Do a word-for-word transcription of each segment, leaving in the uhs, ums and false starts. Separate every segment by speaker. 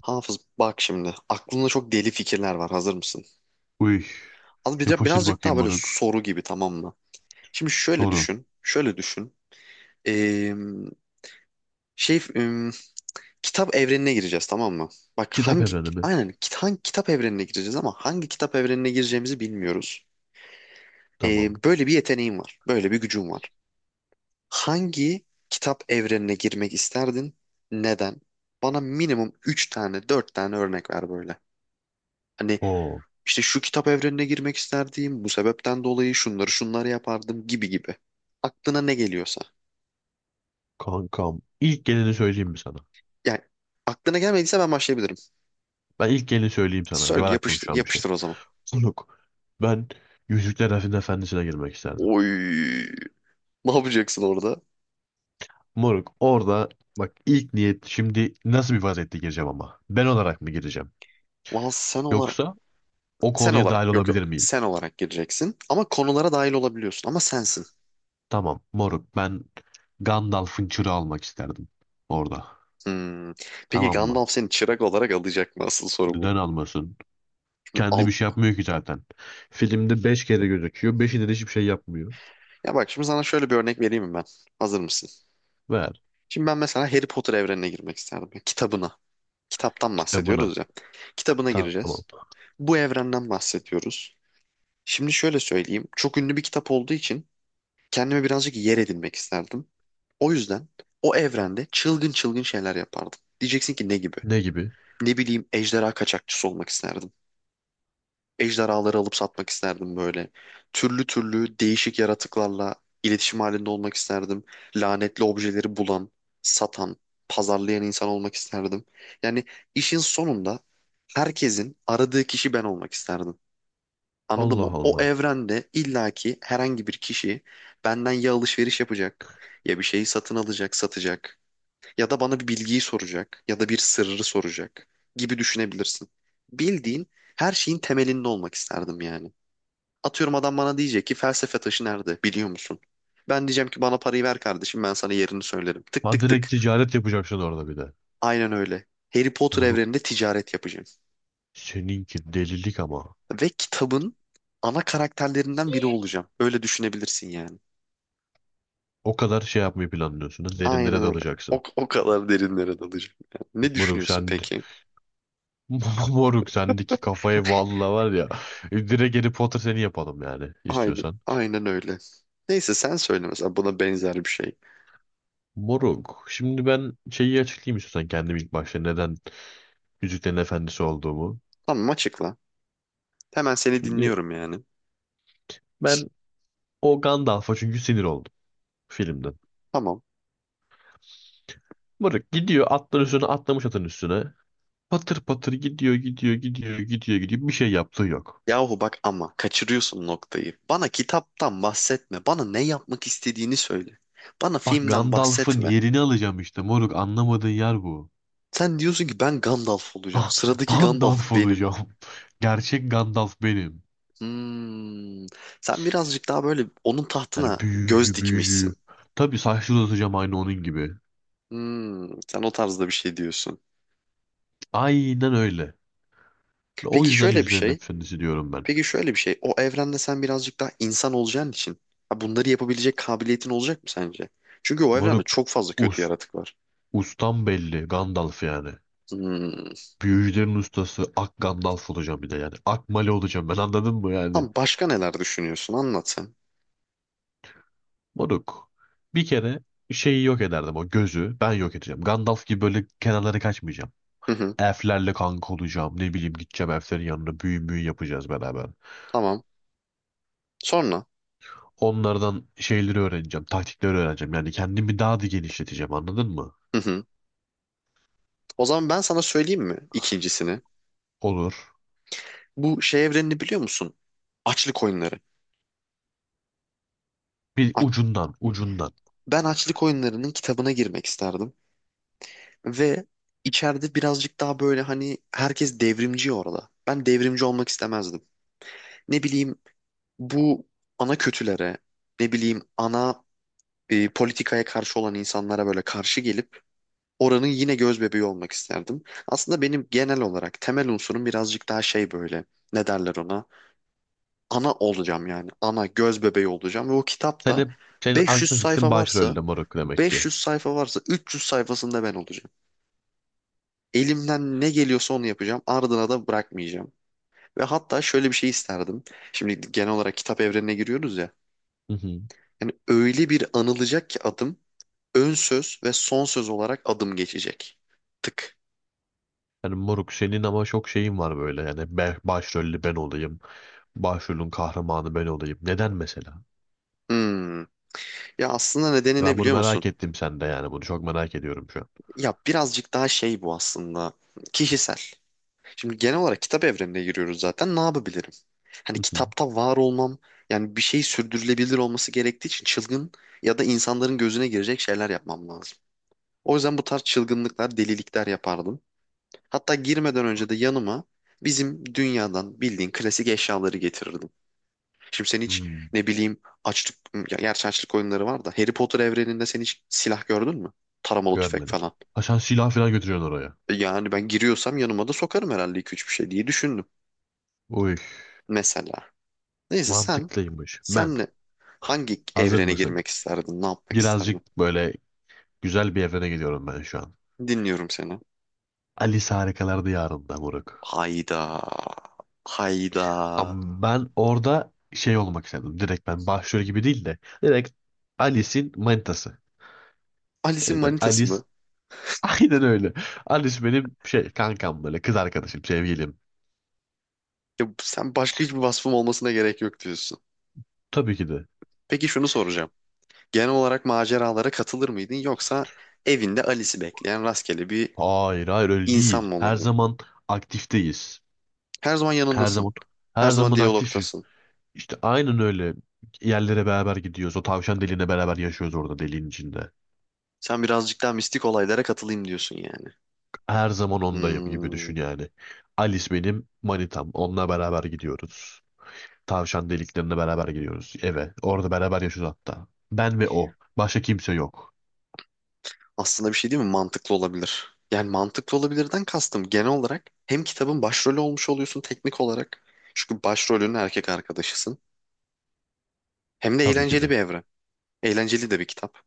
Speaker 1: Hafız, bak şimdi aklında çok deli fikirler var, hazır mısın?
Speaker 2: Uy,
Speaker 1: Az bir de
Speaker 2: yapıştır
Speaker 1: birazcık daha
Speaker 2: bakayım
Speaker 1: böyle
Speaker 2: moruk.
Speaker 1: soru gibi, tamam mı? Şimdi şöyle
Speaker 2: Soru.
Speaker 1: düşün, şöyle düşün. Ee, şey em, Kitap evrenine gireceğiz, tamam mı? Bak
Speaker 2: Kitap
Speaker 1: hangi
Speaker 2: evreni mi?
Speaker 1: aynen kit- hangi kitap evrenine gireceğiz ama hangi kitap evrenine gireceğimizi bilmiyoruz. Ee,
Speaker 2: Tamam.
Speaker 1: böyle bir yeteneğin var, böyle bir gücün var. Hangi kitap evrenine girmek isterdin? Neden? Bana minimum üç tane, dört tane örnek ver böyle. Hani
Speaker 2: Oo,
Speaker 1: İşte şu kitap evrenine girmek isterdim, bu sebepten dolayı şunları şunları yapardım gibi gibi. Aklına ne geliyorsa.
Speaker 2: kankam. İlk geleni söyleyeyim mi sana?
Speaker 1: Yani aklına gelmediyse ben başlayabilirim.
Speaker 2: Ben ilk geleni söyleyeyim sana. Var
Speaker 1: Söyle,
Speaker 2: aklım
Speaker 1: yapıştır,
Speaker 2: şu an bir şey.
Speaker 1: yapıştır o zaman.
Speaker 2: Moruk, ben Yüzükler Efendisi'ne Efendisi'ne girmek isterdim.
Speaker 1: Oy. Ne yapacaksın orada?
Speaker 2: Moruk, orada bak ilk niyet şimdi nasıl bir vaziyette gireceğim ama? Ben olarak mı gireceğim?
Speaker 1: Valla sen olarak,
Speaker 2: Yoksa o
Speaker 1: sen
Speaker 2: konuya
Speaker 1: olarak
Speaker 2: dahil
Speaker 1: yok yok,
Speaker 2: olabilir miyim?
Speaker 1: sen olarak gireceksin ama konulara dahil olabiliyorsun, ama sensin.
Speaker 2: Tamam, moruk ben Gandalf'ın çırağı almak isterdim orada.
Speaker 1: Hmm. Peki
Speaker 2: Tamam mı?
Speaker 1: Gandalf seni çırak olarak alacak mı? Asıl soru bu.
Speaker 2: Neden almasın? Kendi bir
Speaker 1: Al.
Speaker 2: şey yapmıyor ki zaten. Filmde beş kere gözüküyor. Beşinde de hiçbir şey yapmıyor.
Speaker 1: Ya bak, şimdi sana şöyle bir örnek vereyim mi ben? Hazır mısın?
Speaker 2: Ver
Speaker 1: Şimdi ben mesela Harry Potter evrenine girmek isterdim. Kitabına. Kitaptan
Speaker 2: kitabına.
Speaker 1: bahsediyoruz ya. Kitabına
Speaker 2: Tamam.
Speaker 1: gireceğiz. Bu evrenden bahsediyoruz. Şimdi şöyle söyleyeyim. Çok ünlü bir kitap olduğu için kendime birazcık yer edinmek isterdim. O yüzden o evrende çılgın çılgın şeyler yapardım. Diyeceksin ki ne gibi?
Speaker 2: Ne gibi?
Speaker 1: Ne bileyim, ejderha kaçakçısı olmak isterdim. Ejderhaları alıp satmak isterdim böyle. Türlü türlü değişik yaratıklarla iletişim halinde olmak isterdim. Lanetli objeleri bulan, satan, pazarlayan insan olmak isterdim. Yani işin sonunda herkesin aradığı kişi ben olmak isterdim. Anladın
Speaker 2: Allah
Speaker 1: mı? O
Speaker 2: Allah.
Speaker 1: evrende illaki herhangi bir kişi benden ya alışveriş yapacak, ya bir şeyi satın alacak, satacak, ya da bana bir bilgiyi soracak ya da bir sırrı soracak gibi düşünebilirsin. Bildiğin, her şeyin temelinde olmak isterdim yani. Atıyorum, adam bana diyecek ki felsefe taşı nerede biliyor musun? Ben diyeceğim ki bana parayı ver kardeşim, ben sana yerini söylerim. Tık
Speaker 2: Ha,
Speaker 1: tık
Speaker 2: direkt
Speaker 1: tık.
Speaker 2: ticaret yapacaksın orada bir de.
Speaker 1: Aynen öyle. Harry Potter
Speaker 2: Bunu
Speaker 1: evreninde ticaret yapacağım.
Speaker 2: seninki delilik ama.
Speaker 1: Ve kitabın ana karakterlerinden biri olacağım. Öyle düşünebilirsin yani.
Speaker 2: O kadar şey yapmayı planlıyorsun da
Speaker 1: Aynen
Speaker 2: derinlere
Speaker 1: öyle. O,
Speaker 2: dalacaksın.
Speaker 1: o kadar derinlere dalacağım yani. Ne
Speaker 2: Moruk
Speaker 1: düşünüyorsun
Speaker 2: sen...
Speaker 1: peki?
Speaker 2: Moruk sendeki kafayı valla var ya. Direkt Harry Potter seni yapalım yani
Speaker 1: Aynen,
Speaker 2: istiyorsan.
Speaker 1: aynen öyle. Neyse sen söyle mesela buna benzer bir şey.
Speaker 2: Moruk. Şimdi ben şeyi açıklayayım istiyorsan kendim ilk başta neden Yüzüklerin Efendisi olduğumu.
Speaker 1: Tamam, açıkla. Hemen seni
Speaker 2: Şimdi
Speaker 1: dinliyorum yani.
Speaker 2: ben o Gandalf'a çünkü sinir oldu filmden.
Speaker 1: Tamam.
Speaker 2: Mırık gidiyor atların üstüne atlamış atın üstüne. Patır patır gidiyor gidiyor gidiyor gidiyor gidiyor, bir şey yaptığı yok.
Speaker 1: Yahu bak ama kaçırıyorsun noktayı. Bana kitaptan bahsetme. Bana ne yapmak istediğini söyle. Bana
Speaker 2: Bak
Speaker 1: filmden
Speaker 2: Gandalf'ın
Speaker 1: bahsetme.
Speaker 2: yerini alacağım işte moruk, anlamadığın yer bu.
Speaker 1: Sen diyorsun ki ben Gandalf olacağım.
Speaker 2: Ga-
Speaker 1: Sıradaki Gandalf
Speaker 2: Gandalf
Speaker 1: benim.
Speaker 2: olacağım. Gerçek Gandalf benim.
Speaker 1: Hmm. Sen birazcık daha böyle onun
Speaker 2: Yani
Speaker 1: tahtına göz
Speaker 2: büyücü
Speaker 1: dikmişsin.
Speaker 2: büyücü. Tabii saçları uzatacağım aynı onun gibi.
Speaker 1: Hmm. Sen o tarzda bir şey diyorsun.
Speaker 2: Aynen öyle. O
Speaker 1: Peki
Speaker 2: yüzden
Speaker 1: şöyle bir
Speaker 2: Yüzüklerin
Speaker 1: şey.
Speaker 2: Efendisi diyorum ben.
Speaker 1: Peki şöyle bir şey. O evrende sen birazcık daha insan olacağın için, ha, bunları yapabilecek kabiliyetin olacak mı sence? Çünkü o evrende
Speaker 2: Moruk,
Speaker 1: çok fazla
Speaker 2: us,
Speaker 1: kötü yaratık var.
Speaker 2: ustan belli Gandalf yani.
Speaker 1: Hmm.
Speaker 2: Büyücülerin ustası Ak Gandalf olacağım bir de yani. Ak Mali olacağım ben, anladın mı yani?
Speaker 1: Tam başka neler düşünüyorsun? Anlat sen.
Speaker 2: Moruk. Bir kere şeyi yok ederdim, o gözü ben yok edeceğim. Gandalf gibi böyle kenarlara kaçmayacağım.
Speaker 1: Hı hı.
Speaker 2: Elflerle kanka olacağım. Ne bileyim gideceğim elflerin yanına, büyü müyü yapacağız beraber.
Speaker 1: Tamam. Sonra.
Speaker 2: Onlardan şeyleri öğreneceğim. Taktikleri öğreneceğim. Yani kendimi daha da genişleteceğim, anladın mı?
Speaker 1: Hı hı. O zaman ben sana söyleyeyim mi ikincisini?
Speaker 2: Olur.
Speaker 1: Bu şey evrenini biliyor musun? Açlık oyunları.
Speaker 2: Bir
Speaker 1: A-
Speaker 2: ucundan ucundan.
Speaker 1: Ben açlık oyunlarının kitabına girmek isterdim. Ve içeride birazcık daha böyle, hani herkes devrimci orada. Ben devrimci olmak istemezdim. Ne bileyim, bu ana kötülere, ne bileyim, ana, e, politikaya karşı olan insanlara böyle karşı gelip oranın yine göz bebeği olmak isterdim. Aslında benim genel olarak temel unsurum birazcık daha şey böyle, ne derler ona? Ana olacağım yani. Ana göz bebeği olacağım ve o
Speaker 2: Sen
Speaker 1: kitapta
Speaker 2: hep, senin
Speaker 1: 500
Speaker 2: aklı fikrin
Speaker 1: sayfa varsa
Speaker 2: başrolde moruk demek ki.
Speaker 1: beş yüz sayfa varsa üç yüz sayfasında ben olacağım. Elimden ne geliyorsa onu yapacağım. Ardına da bırakmayacağım. Ve hatta şöyle bir şey isterdim. Şimdi genel olarak kitap evrenine giriyoruz ya.
Speaker 2: Hı hı.
Speaker 1: Yani öyle bir anılacak ki adım, ön söz ve son söz olarak adım geçecek. Tık.
Speaker 2: Yani moruk senin ama çok şeyin var böyle. Yani ben, başrollü ben olayım. Başrolün kahramanı ben olayım. Neden mesela?
Speaker 1: Hmm. Ya aslında nedeni ne
Speaker 2: Ben bunu
Speaker 1: biliyor musun?
Speaker 2: merak ettim sende yani. Bunu çok merak ediyorum şu an.
Speaker 1: Ya birazcık daha şey bu aslında. Kişisel. Şimdi genel olarak kitap evrenine giriyoruz zaten. Ne yapabilirim? Hani
Speaker 2: Hı hı.
Speaker 1: kitapta var olmam, yani bir şey sürdürülebilir olması gerektiği için çılgın ya da insanların gözüne girecek şeyler yapmam lazım. O yüzden bu tarz çılgınlıklar, delilikler yapardım. Hatta girmeden önce de yanıma bizim dünyadan bildiğin klasik eşyaları getirirdim. Şimdi sen hiç,
Speaker 2: Hmm,
Speaker 1: ne bileyim, açlık, ya- gerçi açlık oyunları var da, Harry Potter evreninde sen hiç silah gördün mü? Taramalı tüfek
Speaker 2: görmedim.
Speaker 1: falan.
Speaker 2: Ha, sen silah falan götürüyorsun oraya.
Speaker 1: E Yani ben giriyorsam yanıma da sokarım herhalde iki üç bir şey diye düşündüm.
Speaker 2: Uy,
Speaker 1: Mesela. Neyse, sen,
Speaker 2: mantıklıymış. Ben,
Speaker 1: senle hangi
Speaker 2: hazır
Speaker 1: evrene
Speaker 2: mısın?
Speaker 1: girmek isterdin? Ne yapmak isterdin?
Speaker 2: Birazcık böyle güzel bir evrene gidiyorum ben şu an.
Speaker 1: Dinliyorum seni.
Speaker 2: Alice Harikalar Diyarı'nda moruk.
Speaker 1: Hayda. Hayda.
Speaker 2: Ama ben orada şey olmak istedim. Direkt ben başrol gibi değil de. Direkt Alice'in manitası.
Speaker 1: Alice'in
Speaker 2: Yani ben
Speaker 1: manitası
Speaker 2: Alice.
Speaker 1: mı?
Speaker 2: Aynen öyle. Annesi benim şey kankam, böyle kız arkadaşım, sevgilim.
Speaker 1: Ya sen başka hiçbir vasfım olmasına gerek yok diyorsun.
Speaker 2: Tabii ki de.
Speaker 1: Peki şunu soracağım. Genel olarak maceralara katılır mıydın, yoksa evinde Alice'i bekleyen rastgele bir
Speaker 2: Hayır, hayır öyle
Speaker 1: insan
Speaker 2: değil.
Speaker 1: mı
Speaker 2: Her
Speaker 1: olurdun?
Speaker 2: zaman aktifteyiz.
Speaker 1: Her zaman
Speaker 2: Her
Speaker 1: yanındasın.
Speaker 2: zaman
Speaker 1: Her
Speaker 2: her
Speaker 1: zaman
Speaker 2: zaman aktifiz.
Speaker 1: diyalogtasın.
Speaker 2: İşte aynen öyle. Yerlere beraber gidiyoruz. O tavşan deliğine beraber yaşıyoruz orada, deliğin içinde.
Speaker 1: Sen birazcık daha mistik olaylara katılayım diyorsun yani.
Speaker 2: Her zaman ondayım gibi
Speaker 1: Hmm,
Speaker 2: düşün yani. Alice benim manitam. Onunla beraber gidiyoruz. Tavşan deliklerine beraber gidiyoruz eve. Orada beraber yaşıyoruz hatta. Ben ve o. Başka kimse yok.
Speaker 1: aslında bir şey değil mi? Mantıklı olabilir. Yani mantıklı olabilirden kastım, genel olarak hem kitabın başrolü olmuş oluyorsun teknik olarak. Çünkü başrolünün erkek arkadaşısın. Hem de
Speaker 2: Tabii ki
Speaker 1: eğlenceli
Speaker 2: de.
Speaker 1: bir evren. Eğlenceli de bir kitap.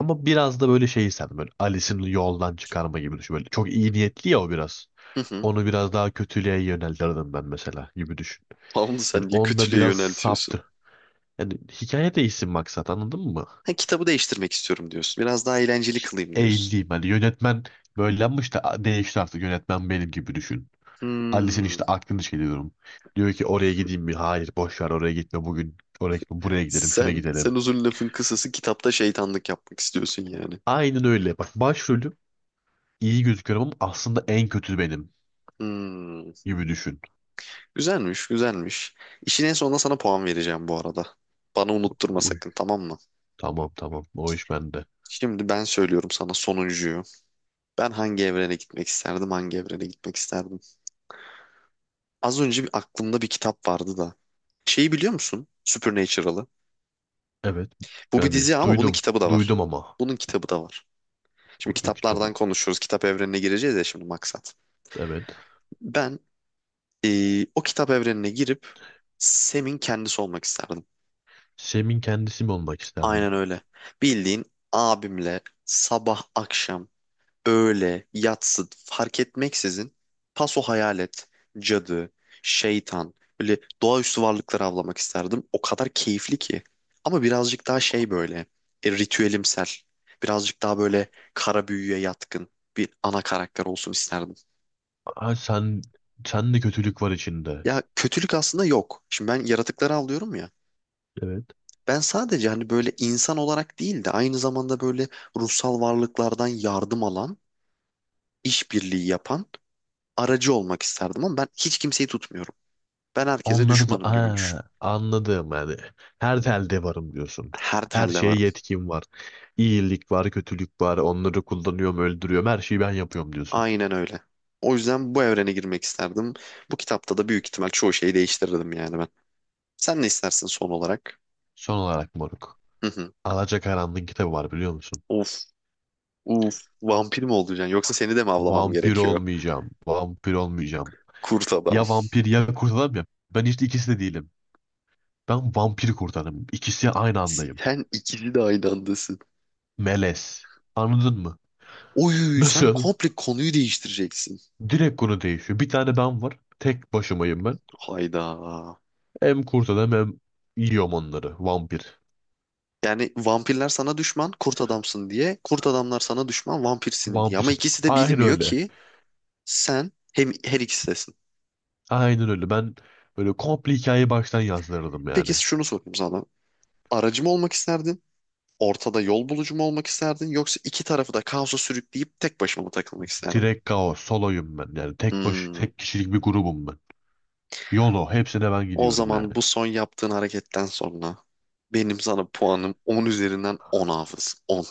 Speaker 2: Ama biraz da böyle şey, sen böyle Alice'in yoldan çıkarma gibi düşün. Böyle çok iyi niyetli ya o biraz.
Speaker 1: Hı hı.
Speaker 2: Onu biraz daha kötülüğe yöneltirdim ben mesela gibi düşün.
Speaker 1: Tamam da
Speaker 2: Yani
Speaker 1: sen niye
Speaker 2: onda
Speaker 1: kötülüğe
Speaker 2: biraz
Speaker 1: yöneltiyorsun?
Speaker 2: saptı. Yani hikaye değişsin maksat, anladın mı?
Speaker 1: Ha, kitabı değiştirmek istiyorum diyorsun. Biraz daha eğlenceli kılayım diyorsun.
Speaker 2: Eğileyim. Hani yönetmen böylemiş de değişti artık, yönetmen benim gibi düşün. Alice'in
Speaker 1: Hmm.
Speaker 2: işte aklını şey diyorum. Diyor ki oraya gideyim mi? Hayır, boş ver, oraya gitme bugün. Oraya gitme, buraya gidelim, şuna
Speaker 1: Sen,
Speaker 2: gidelim.
Speaker 1: sen uzun lafın kısası kitapta şeytanlık yapmak istiyorsun yani.
Speaker 2: Aynen öyle. Bak, başrolüm iyi gözüküyorum ama aslında en kötü benim
Speaker 1: Hmm.
Speaker 2: gibi düşün.
Speaker 1: Güzelmiş, güzelmiş. İşin en sonunda sana puan vereceğim bu arada. Bana unutturma sakın, tamam mı?
Speaker 2: Tamam, tamam. O iş bende.
Speaker 1: Şimdi ben söylüyorum sana sonuncuyu. Ben hangi evrene gitmek isterdim, hangi evrene gitmek isterdim? Az önce bir aklımda bir kitap vardı da. Şeyi biliyor musun? Supernatural'ı.
Speaker 2: Evet.
Speaker 1: Bu bir
Speaker 2: Yani
Speaker 1: dizi ama bunun
Speaker 2: duydum.
Speaker 1: kitabı da var.
Speaker 2: Duydum ama.
Speaker 1: Bunun kitabı da var. Şimdi
Speaker 2: O kitabı.
Speaker 1: kitaplardan konuşuyoruz. Kitap evrenine gireceğiz ya şimdi, maksat.
Speaker 2: Evet.
Speaker 1: Ben Ee, o kitap evrenine girip Sem'in kendisi olmak isterdim.
Speaker 2: Sem'in kendisi mi olmak isterdin?
Speaker 1: Aynen öyle. Bildiğin, abimle sabah akşam, öğle yatsı fark etmeksizin paso hayalet, cadı, şeytan, böyle doğaüstü varlıkları avlamak isterdim. O kadar keyifli ki. Ama birazcık daha şey böyle, e, ritüelimsel. Birazcık daha böyle kara büyüye yatkın bir ana karakter olsun isterdim.
Speaker 2: Ha, sen sen de kötülük var içinde.
Speaker 1: Ya kötülük aslında yok. Şimdi ben yaratıkları avlıyorum ya.
Speaker 2: Evet.
Speaker 1: Ben sadece, hani, böyle insan olarak değil de aynı zamanda böyle ruhsal varlıklardan yardım alan, işbirliği yapan aracı olmak isterdim, ama ben hiç kimseyi tutmuyorum. Ben herkese
Speaker 2: Onları da
Speaker 1: düşmanım gibi düşün.
Speaker 2: ha, anladım yani. Her telde varım diyorsun.
Speaker 1: Her
Speaker 2: Her
Speaker 1: telle
Speaker 2: şeye
Speaker 1: varım.
Speaker 2: yetkim var. İyilik var, kötülük var. Onları kullanıyorum, öldürüyorum. Her şeyi ben yapıyorum diyorsun.
Speaker 1: Aynen öyle. O yüzden bu evrene girmek isterdim. Bu kitapta da büyük ihtimal çoğu şeyi değiştirirdim yani ben. Sen ne istersin son olarak?
Speaker 2: Son olarak moruk.
Speaker 1: Hı hı.
Speaker 2: Alacakaranlığın kitabı var, biliyor musun?
Speaker 1: Of, of, vampir mi olacaksın? Yoksa seni de mi avlamam
Speaker 2: Vampir
Speaker 1: gerekiyor?
Speaker 2: olmayacağım. Vampir olmayacağım.
Speaker 1: Kurt adam.
Speaker 2: Ya vampir ya kurt adam ya. Ben işte ikisi de değilim. Ben vampir kurt adamım. İkisi aynı andayım.
Speaker 1: Sen ikisi de aynı andasın.
Speaker 2: Melez. Anladın mı?
Speaker 1: Oy, sen
Speaker 2: Nasıl?
Speaker 1: komple konuyu değiştireceksin.
Speaker 2: Direkt konu değişiyor. Bir tane ben var. Tek başımayım ben.
Speaker 1: Hayda.
Speaker 2: Hem kurt adam hem yiyorum onları. Vampir.
Speaker 1: Yani vampirler sana düşman, kurt adamsın diye. Kurt adamlar sana düşman, vampirsin diye. Ama
Speaker 2: Vampirin.
Speaker 1: ikisi de
Speaker 2: Aynen
Speaker 1: bilmiyor
Speaker 2: öyle.
Speaker 1: ki sen hem her ikisisin.
Speaker 2: Aynen öyle. Ben böyle komple hikayeyi baştan yazdırdım yani.
Speaker 1: Peki şunu sorayım sana. Aracı mı olmak isterdin? Ortada yol bulucu mu olmak isterdin? Yoksa iki tarafı da kaosa sürükleyip tek başına mı takılmak isterdin?
Speaker 2: Direkt kaos. Soloyum ben. Yani tek baş,
Speaker 1: Hmm.
Speaker 2: tek kişilik bir grubum ben. YOLO. Hepsine ben
Speaker 1: O
Speaker 2: gidiyorum yani.
Speaker 1: zaman bu son yaptığın hareketten sonra benim sana puanım on üzerinden on, Hafız. On.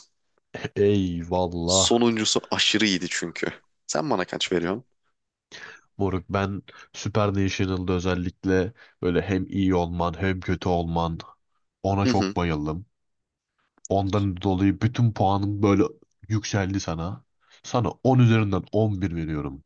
Speaker 2: Eyvallah.
Speaker 1: Sonuncusu aşırı iyiydi çünkü. Sen bana kaç veriyorsun?
Speaker 2: Moruk ben Super National'da özellikle böyle hem iyi olman hem kötü olman, ona
Speaker 1: Hı hı.
Speaker 2: çok bayıldım. Ondan dolayı bütün puanım böyle yükseldi sana. Sana on üzerinden on bir veriyorum.